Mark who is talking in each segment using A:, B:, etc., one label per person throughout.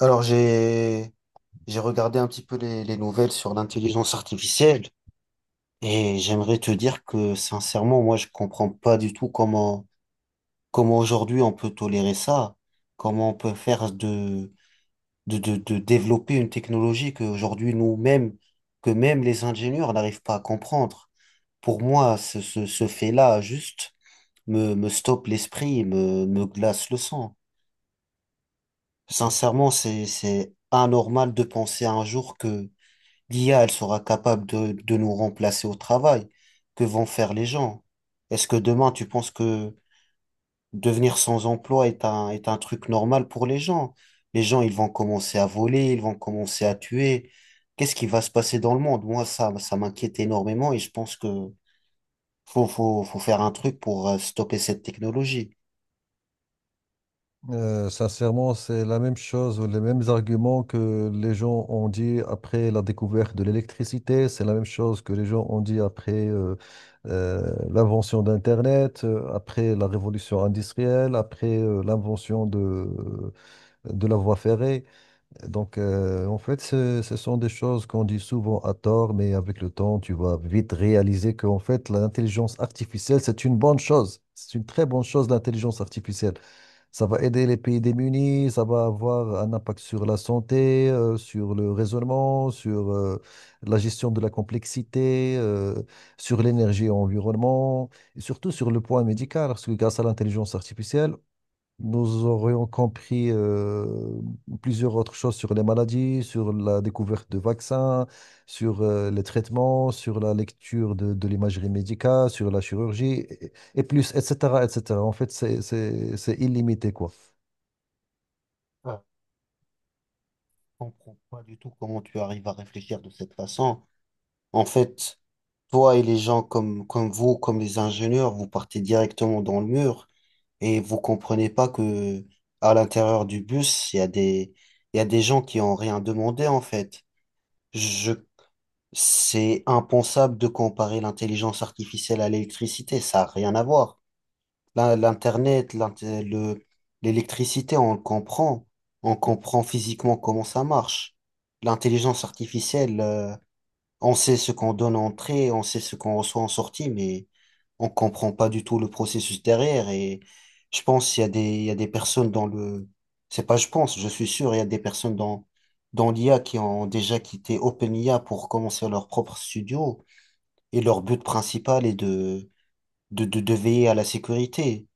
A: Alors j'ai regardé un petit peu les nouvelles sur l'intelligence artificielle et j'aimerais te dire que sincèrement moi je comprends pas du tout comment aujourd'hui on peut tolérer ça, comment on peut faire de développer une technologie que aujourd'hui nous-mêmes que même les ingénieurs n'arrivent pas à comprendre. Pour moi ce fait-là juste me stoppe l'esprit, me glace le sang. Sincèrement c'est anormal de penser un jour que l'IA, elle sera capable de nous remplacer au travail. Que vont faire les gens? Est-ce que demain, tu penses que devenir sans emploi est un truc normal pour les gens? Les gens, ils vont commencer à voler, ils vont commencer à tuer. Qu'est-ce qui va se passer dans le monde? Moi, ça m'inquiète énormément et je pense que faut faire un truc pour stopper cette technologie.
B: Sincèrement, c'est la même chose, les mêmes arguments que les gens ont dit après la découverte de l'électricité, c'est la même chose que les gens ont dit après euh, l'invention d'Internet, après la révolution industrielle, après l'invention de la voie ferrée. Donc, en fait, ce sont des choses qu'on dit souvent à tort, mais avec le temps, tu vas vite réaliser qu'en fait, l'intelligence artificielle, c'est une bonne chose. C'est une très bonne chose, l'intelligence artificielle. Ça va aider les pays démunis, ça va avoir un impact sur la santé, sur le raisonnement, sur la gestion de la complexité, sur l'énergie et l'environnement, et surtout sur le point médical, parce que grâce à l'intelligence artificielle, nous aurions compris plusieurs autres choses sur les maladies, sur la découverte de vaccins, sur les traitements, sur la lecture de l'imagerie médicale, sur la chirurgie, et plus, etc., etc. En fait, c'est illimité, quoi.
A: Ah, Je comprends pas du tout comment tu arrives à réfléchir de cette façon. En fait, toi et les gens comme vous, comme les ingénieurs, vous partez directement dans le mur et vous comprenez pas que à l'intérieur du bus, il y a des gens qui ont rien demandé, en fait. Je, c'est impensable de comparer l'intelligence artificielle à l'électricité. Ça n'a rien à voir. Là, l'Internet, l'électricité, on le comprend. On comprend physiquement comment ça marche. L'intelligence artificielle, on sait ce qu'on donne en entrée, on sait ce qu'on reçoit en sortie, mais on comprend pas du tout le processus derrière. Et je pense qu'il y a des, il y a des personnes c'est pas je pense, je suis sûr, il y a des personnes dans l'IA qui ont déjà quitté OpenIA pour commencer leur propre studio. Et leur but principal est de veiller à la sécurité.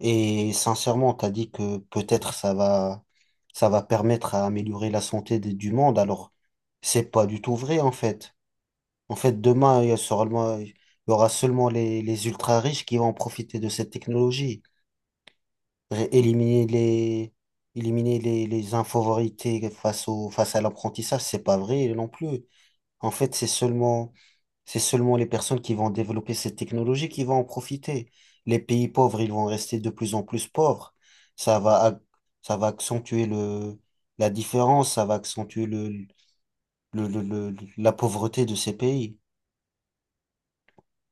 A: Et sincèrement, t'as dit que peut-être ça va permettre à améliorer la santé du monde. Alors, c'est pas du tout vrai, en fait. En fait, demain, il y aura seulement les ultra-riches qui vont profiter de cette technologie. Éliminer éliminer les infavorités face face à l'apprentissage, c'est pas vrai non plus. En fait, c'est seulement les personnes qui vont développer cette technologie qui vont en profiter. Les pays pauvres, ils vont rester de plus en plus pauvres. Ça va, ac- Ça va accentuer la différence, ça va accentuer le, le- la pauvreté de ces pays.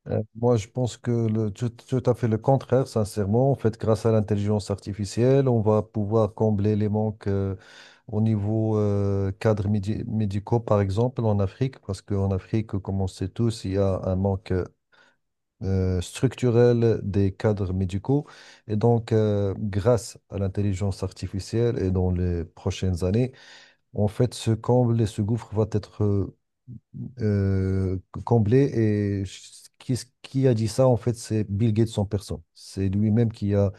B: Moi, je pense que tout, tout à fait le contraire, sincèrement. En fait, grâce à l'intelligence artificielle, on va pouvoir combler les manques. Au niveau cadres médicaux, par exemple, en Afrique, parce qu'en Afrique, comme on sait tous, il y a un manque structurel des cadres médicaux. Et donc, grâce à l'intelligence artificielle et dans les prochaines années, en fait, ce comble et ce gouffre va être euh, comblé. Et ch- qui a dit ça, en fait, c'est Bill Gates en personne. C'est lui-même qui a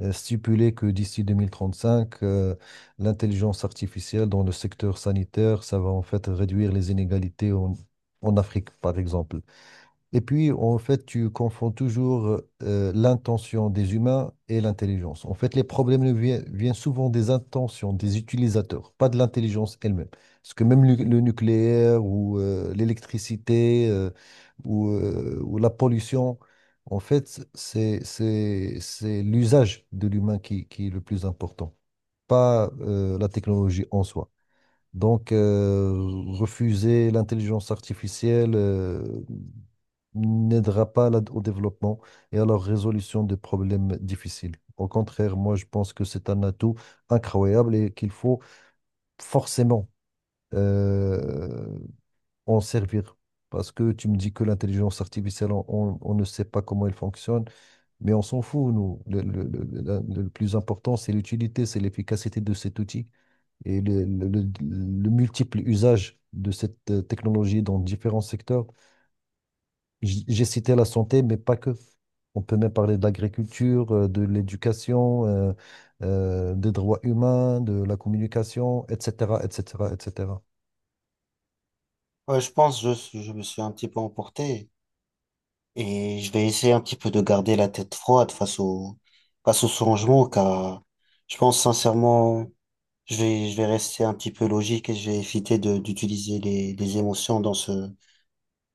B: stipulé que d'ici 2035, l'intelligence artificielle dans le secteur sanitaire, ça va en fait réduire les inégalités en, en Afrique, par exemple. Et puis, en fait, tu confonds toujours l'intention des humains et l'intelligence. En fait, les problèmes ne viennent souvent des intentions des utilisateurs, pas de l'intelligence elle-même. Parce que même le nucléaire ou l'électricité ou la pollution, en fait, c'est l'usage de l'humain qui est le plus important, pas la technologie en soi. Donc, refuser l'intelligence artificielle. N'aidera pas au développement et à la résolution des problèmes difficiles. Au contraire, moi, je pense que c'est un atout incroyable et qu'il faut forcément euh, en servir. Parce que tu me dis que l'intelligence artificielle, on ne sait pas comment elle fonctionne, mais on s'en fout, nous. Le plus important, c'est l'utilité, c'est l'efficacité de cet outil et le multiple usage de cette technologie dans différents secteurs. J'ai cité la santé, mais pas que. On peut même parler de l'agriculture, de l'éducation, des droits humains, de la communication, etc., etc., etc.
A: Ouais, je pense, je me suis un petit peu emporté et je vais essayer un petit peu de garder la tête froide face au changement car je pense sincèrement, je vais rester un petit peu logique et je vais éviter d'utiliser les émotions dans ce,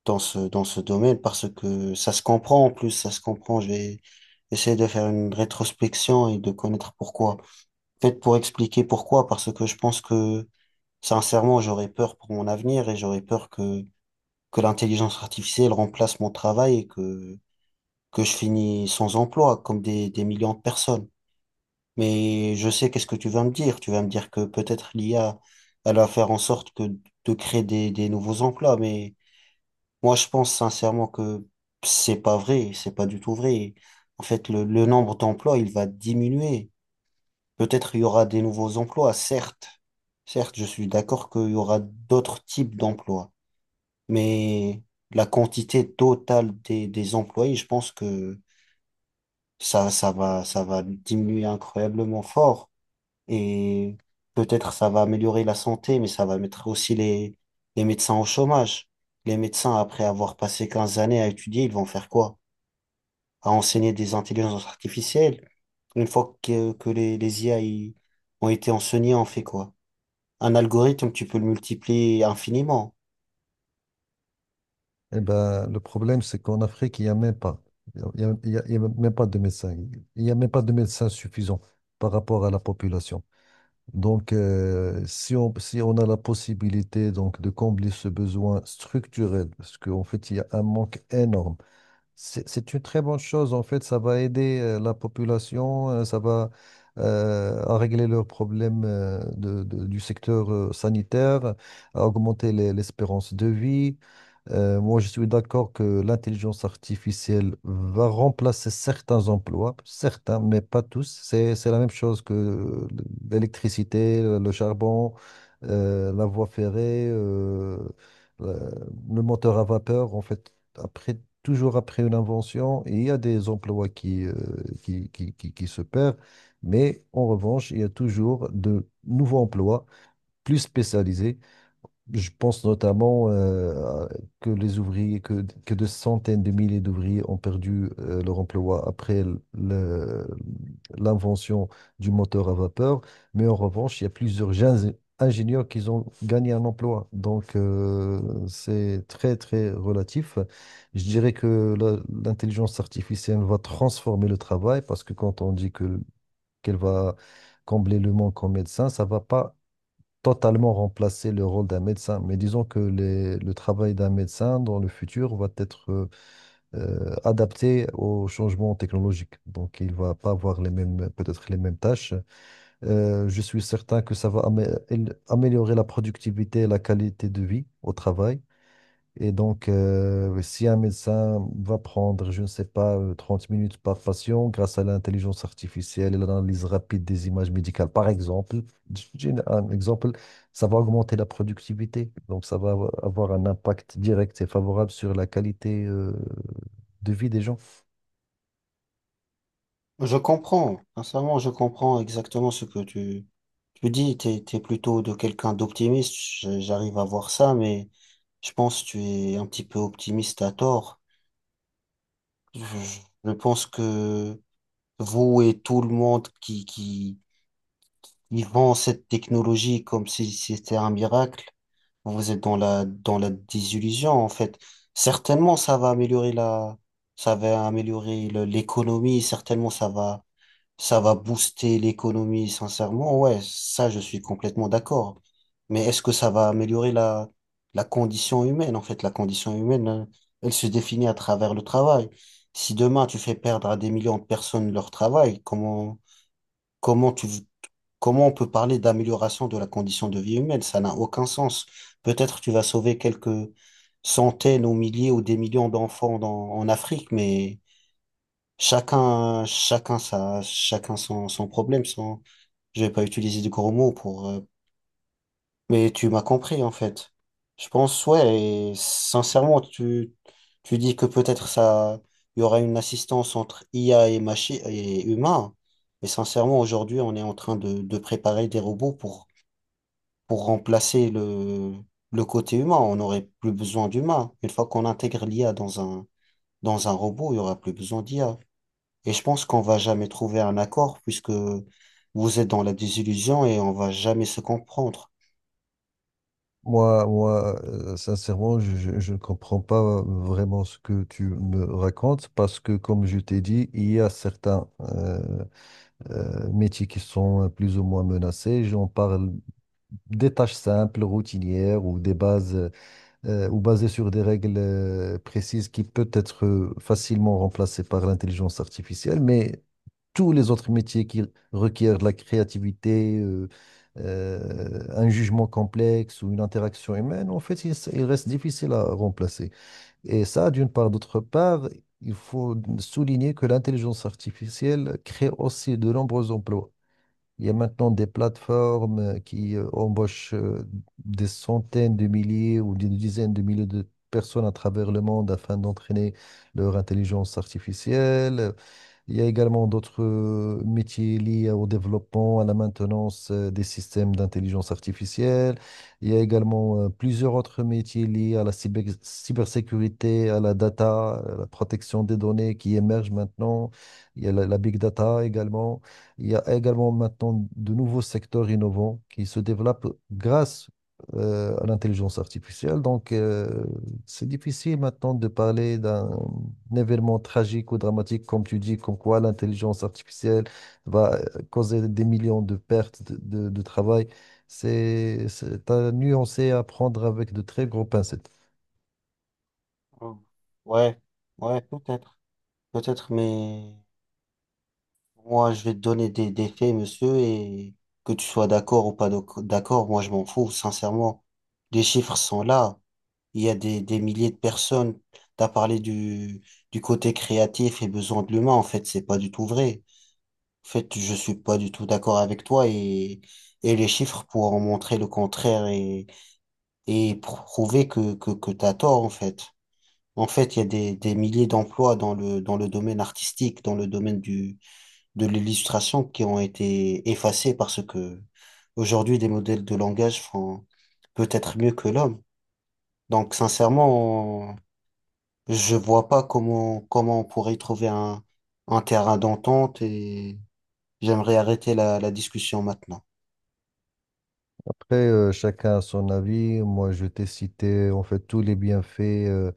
A: dans ce, dans ce domaine parce que ça se comprend en plus, ça se comprend. Je vais essayer de faire une rétrospection et de connaître pourquoi. Peut-être pour expliquer pourquoi, parce que je pense que sincèrement, j'aurais peur pour mon avenir et j'aurais peur que l'intelligence artificielle remplace mon travail et que je finis sans emploi comme des millions de personnes. Mais je sais qu'est-ce que tu vas me dire. Tu vas me dire que peut-être l'IA, elle va faire en sorte que de créer des nouveaux emplois, mais moi, je pense sincèrement que c'est pas vrai, c'est pas du tout vrai. En fait, le nombre d'emplois, il va diminuer. Peut-être il y aura des nouveaux emplois, certes. Certes, je suis d'accord qu'il y aura d'autres types d'emplois, mais la quantité totale des employés, je pense que ça va diminuer incroyablement fort. Et peut-être ça va améliorer la santé, mais ça va mettre aussi les médecins au chômage. Les médecins, après avoir passé 15 années à étudier, ils vont faire quoi? À enseigner des intelligences artificielles. Une fois que les IA ont été enseignés, on fait quoi? Un algorithme, tu peux le multiplier infiniment.
B: Eh ben, le problème, c'est qu'en Afrique, il n'y a même pas, il y a même pas de médecins. Il n'y a même pas de médecins suffisants par rapport à la population. Donc, si on, si on a la possibilité donc de combler ce besoin structurel, parce qu'en fait, il y a un manque énorme. C'est une très bonne chose. En fait, ça va aider la population, ça va à régler leurs problèmes du secteur sanitaire, à augmenter l'espérance de vie. Moi, je suis d'accord que l'intelligence artificielle va remplacer certains emplois, certains, mais pas tous. C'est la même chose que l'électricité, le charbon, la voie ferrée, la- le moteur à vapeur. En fait, après, toujours après une invention, il y a des emplois qui se perdent, mais en revanche, il y a toujours de nouveaux emplois plus spécialisés. Je pense notamment que les ouvriers, que des centaines de milliers d'ouvriers ont perdu leur emploi après l'invention du moteur à vapeur. Mais en revanche, il y a ingénieurs qui ont gagné un emploi. Donc, c'est très, très relatif. Je dirais que l'intelligence artificielle va transformer le travail parce que quand on dit qu'elle va combler le manque en médecins, ça va pas totalement remplacer le rôle d'un médecin. Mais disons que le travail d'un médecin dans le futur va être adapté aux changements technologiques. Donc, il va pas avoir les mêmes, peut-être les mêmes tâches. Je suis certain que ça va améliorer la productivité et la qualité de vie au travail. Et donc, si un médecin va prendre, je ne sais pas, 30 minutes par patient grâce à l'intelligence artificielle et l'analyse rapide des images médicales, par exemple, j'ai un exemple, ça va augmenter la productivité. Donc, ça va avoir un impact direct et favorable sur la qualité, de vie des gens.
A: Je comprends, sincèrement, je comprends exactement ce que tu dis. T'es plutôt de quelqu'un d'optimiste, j'arrive à voir ça, mais je pense que tu es un petit peu optimiste à tort. Je, je pense que vous et tout le monde qui vend cette technologie comme si c'était un miracle, vous êtes dans la désillusion, en fait. Certainement, ça va améliorer l'économie, certainement, ça va booster l'économie, sincèrement, ouais, ça, je suis complètement d'accord. Mais est-ce que ça va améliorer la, la condition humaine? En fait, la condition humaine, elle se définit à travers le travail. Si demain, tu fais perdre à des millions de personnes leur travail, comment tu, comment on peut parler d'amélioration de la condition de vie humaine? Ça n'a aucun sens. Peut-être tu vas sauver quelques centaines ou milliers ou des millions d'enfants en Afrique, mais chacun son problème, je j'ai pas utilisé de gros mots pour, mais tu m'as compris en fait. Je pense, ouais, et sincèrement, tu dis que peut-être ça, il y aura une assistance entre IA et machi et humain. Mais sincèrement, aujourd'hui, on est en train de préparer des robots pour remplacer le côté humain. On n'aurait plus besoin d'humain. Une fois qu'on intègre l'IA dans un robot, il y aura plus besoin d'IA. Et je pense qu'on va jamais trouver un accord puisque vous êtes dans la désillusion et on va jamais se comprendre.
B: Moi, sincèrement, je ne comprends pas vraiment ce que tu me racontes parce que, comme je t'ai dit, il y a certains métiers qui sont plus ou moins menacés. J'en parle des tâches simples, routinières ou des bases ou basées sur des règles précises qui peut être facilement remplacées par l'intelligence artificielle, mais tous les autres métiers qui requièrent de la créativité, un jugement complexe ou une interaction humaine, en fait, ils restent difficiles à remplacer. Et ça, d'une part. D'autre part, il faut souligner que l'intelligence artificielle crée aussi de nombreux emplois. Il y a maintenant des plateformes qui embauchent des centaines de milliers ou des dizaines de milliers de personnes à travers le monde afin d'entraîner leur intelligence artificielle. Il y a également d'autres métiers liés au développement, à la maintenance des systèmes d'intelligence artificielle. Il y a également plusieurs autres métiers liés à la cybersécurité, à la data, à la protection des données qui émergent maintenant. Il y a la big data également. Il y a également maintenant de nouveaux secteurs innovants qui se développent grâce à l'intelligence artificielle. Donc, c'est difficile maintenant de parler d'un un événement tragique ou dramatique, comme tu dis, comme quoi l'intelligence artificielle va causer des millions de pertes de travail, c'est à nuancer, à prendre avec de très gros pincettes.
A: Hmm. Ouais, ouais, peut-être, mais moi, je vais te donner des faits, monsieur, et que tu sois d'accord ou pas doc- d'accord, moi, je m'en fous, sincèrement. Les chiffres sont là. Il y a des milliers de personnes. T'as parlé du côté créatif et besoin de l'humain. En fait, c'est pas du tout vrai. En fait, je suis pas du tout d'accord avec toi et les chiffres pour en montrer le contraire et prouver que t'as tort, en fait. En fait, il y a des milliers d'emplois dans le domaine artistique, dans le domaine du, de l'illustration qui ont été effacés parce que aujourd'hui, des modèles de langage font peut-être mieux que l'homme. Donc, sincèrement, je vois pas comment on pourrait trouver un terrain d'entente et j'aimerais arrêter la discussion maintenant.
B: Après, chacun a son avis. Moi, je t'ai cité en fait tous les bienfaits euh,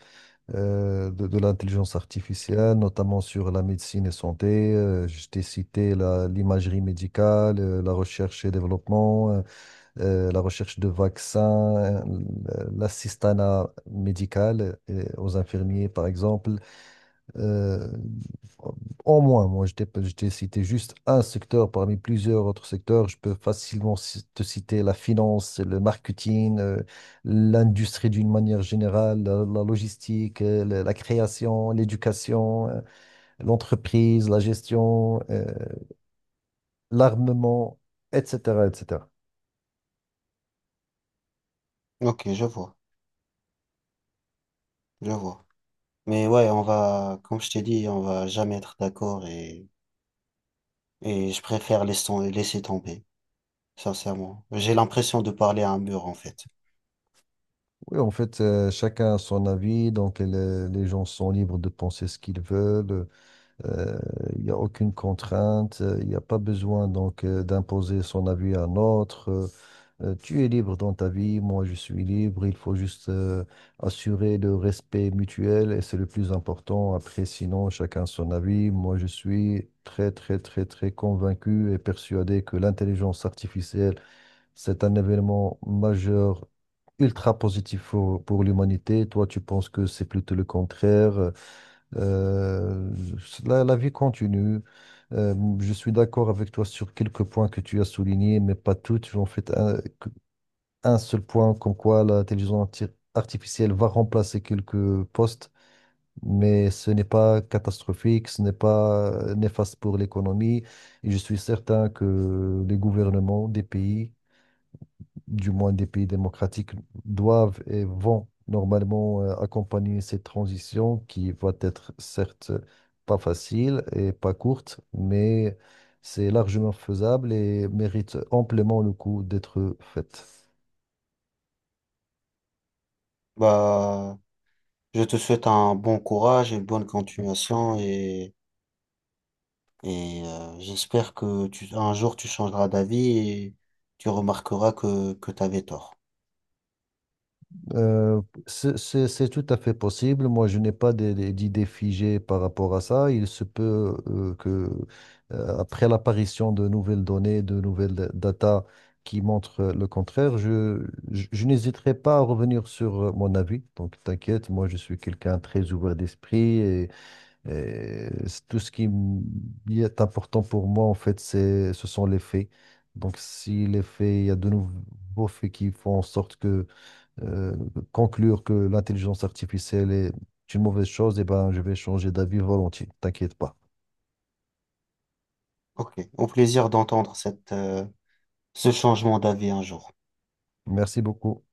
B: de l'intelligence artificielle, notamment sur la médecine et santé. Je t'ai cité l'imagerie médicale, la recherche et développement, la recherche de vaccins, l'assistanat médical aux infirmiers, par exemple. Euh, Au moins, moi, je t'ai cité juste un secteur parmi plusieurs autres secteurs. Je peux facilement te citer la finance, le marketing, l'industrie d'une manière générale, la logistique, la création, l'éducation, l'entreprise, la gestion. L'armement, etc., etc.
A: Ok, je vois, je vois. Mais ouais, on va, comme je t'ai dit, on va jamais être d'accord et je préfère laisser, laisser tomber. Sincèrement. J'ai l'impression de parler à un mur, en fait.
B: Oui, en fait, chacun a son avis, donc les gens sont libres de penser ce qu'ils veulent. euh, Il n'y a aucune contrainte, il n'y a pas besoin donc d'imposer son avis à un autre. Tu es libre dans ta vie, moi je suis libre, il faut juste assurer le respect mutuel et c'est le plus important. Après, sinon, chacun son avis. Moi je suis très, très, très, très convaincu et persuadé que l'intelligence artificielle, c'est un événement majeur, ultra positif pour l'humanité. Toi, tu penses que c'est plutôt le contraire. Euh, la vie continue. Euh, je suis d'accord avec toi sur quelques points que tu as soulignés, mais pas toutes. En fait, un seul point comme quoi la télévision artificielle va remplacer quelques postes, mais ce n'est pas catastrophique, ce n'est pas néfaste pour l'économie. Et je suis certain que les gouvernements des pays, du moins des pays démocratiques, doivent et vont normalement accompagner cette transition qui va être certes pas facile et pas courte, mais c'est largement faisable et mérite amplement le coup d'être faite.
A: Bah, je te souhaite un bon courage, une bonne continuation et j'espère que un jour tu changeras d'avis et tu remarqueras que tu avais tort.
B: Euh, c'est tout à fait possible. Moi, je n'ai pas d'idée figée par rapport à ça. Il se peut après l'apparition de nouvelles données, de nouvelles data qui montrent le contraire, je n'hésiterai pas à revenir sur mon avis. Donc, t'inquiète, moi, je suis quelqu'un très ouvert d'esprit, et c'est tout ce qui y est important pour moi, en fait, ce sont les faits. Donc, si les faits, il y a de nouveaux faits qui font en sorte que euh, conclure que l'intelligence artificielle est une mauvaise chose, eh ben, je vais changer d'avis volontiers. T'inquiète pas.
A: Ok, au plaisir d'entendre cette, ce changement d'avis un jour.
B: Merci beaucoup.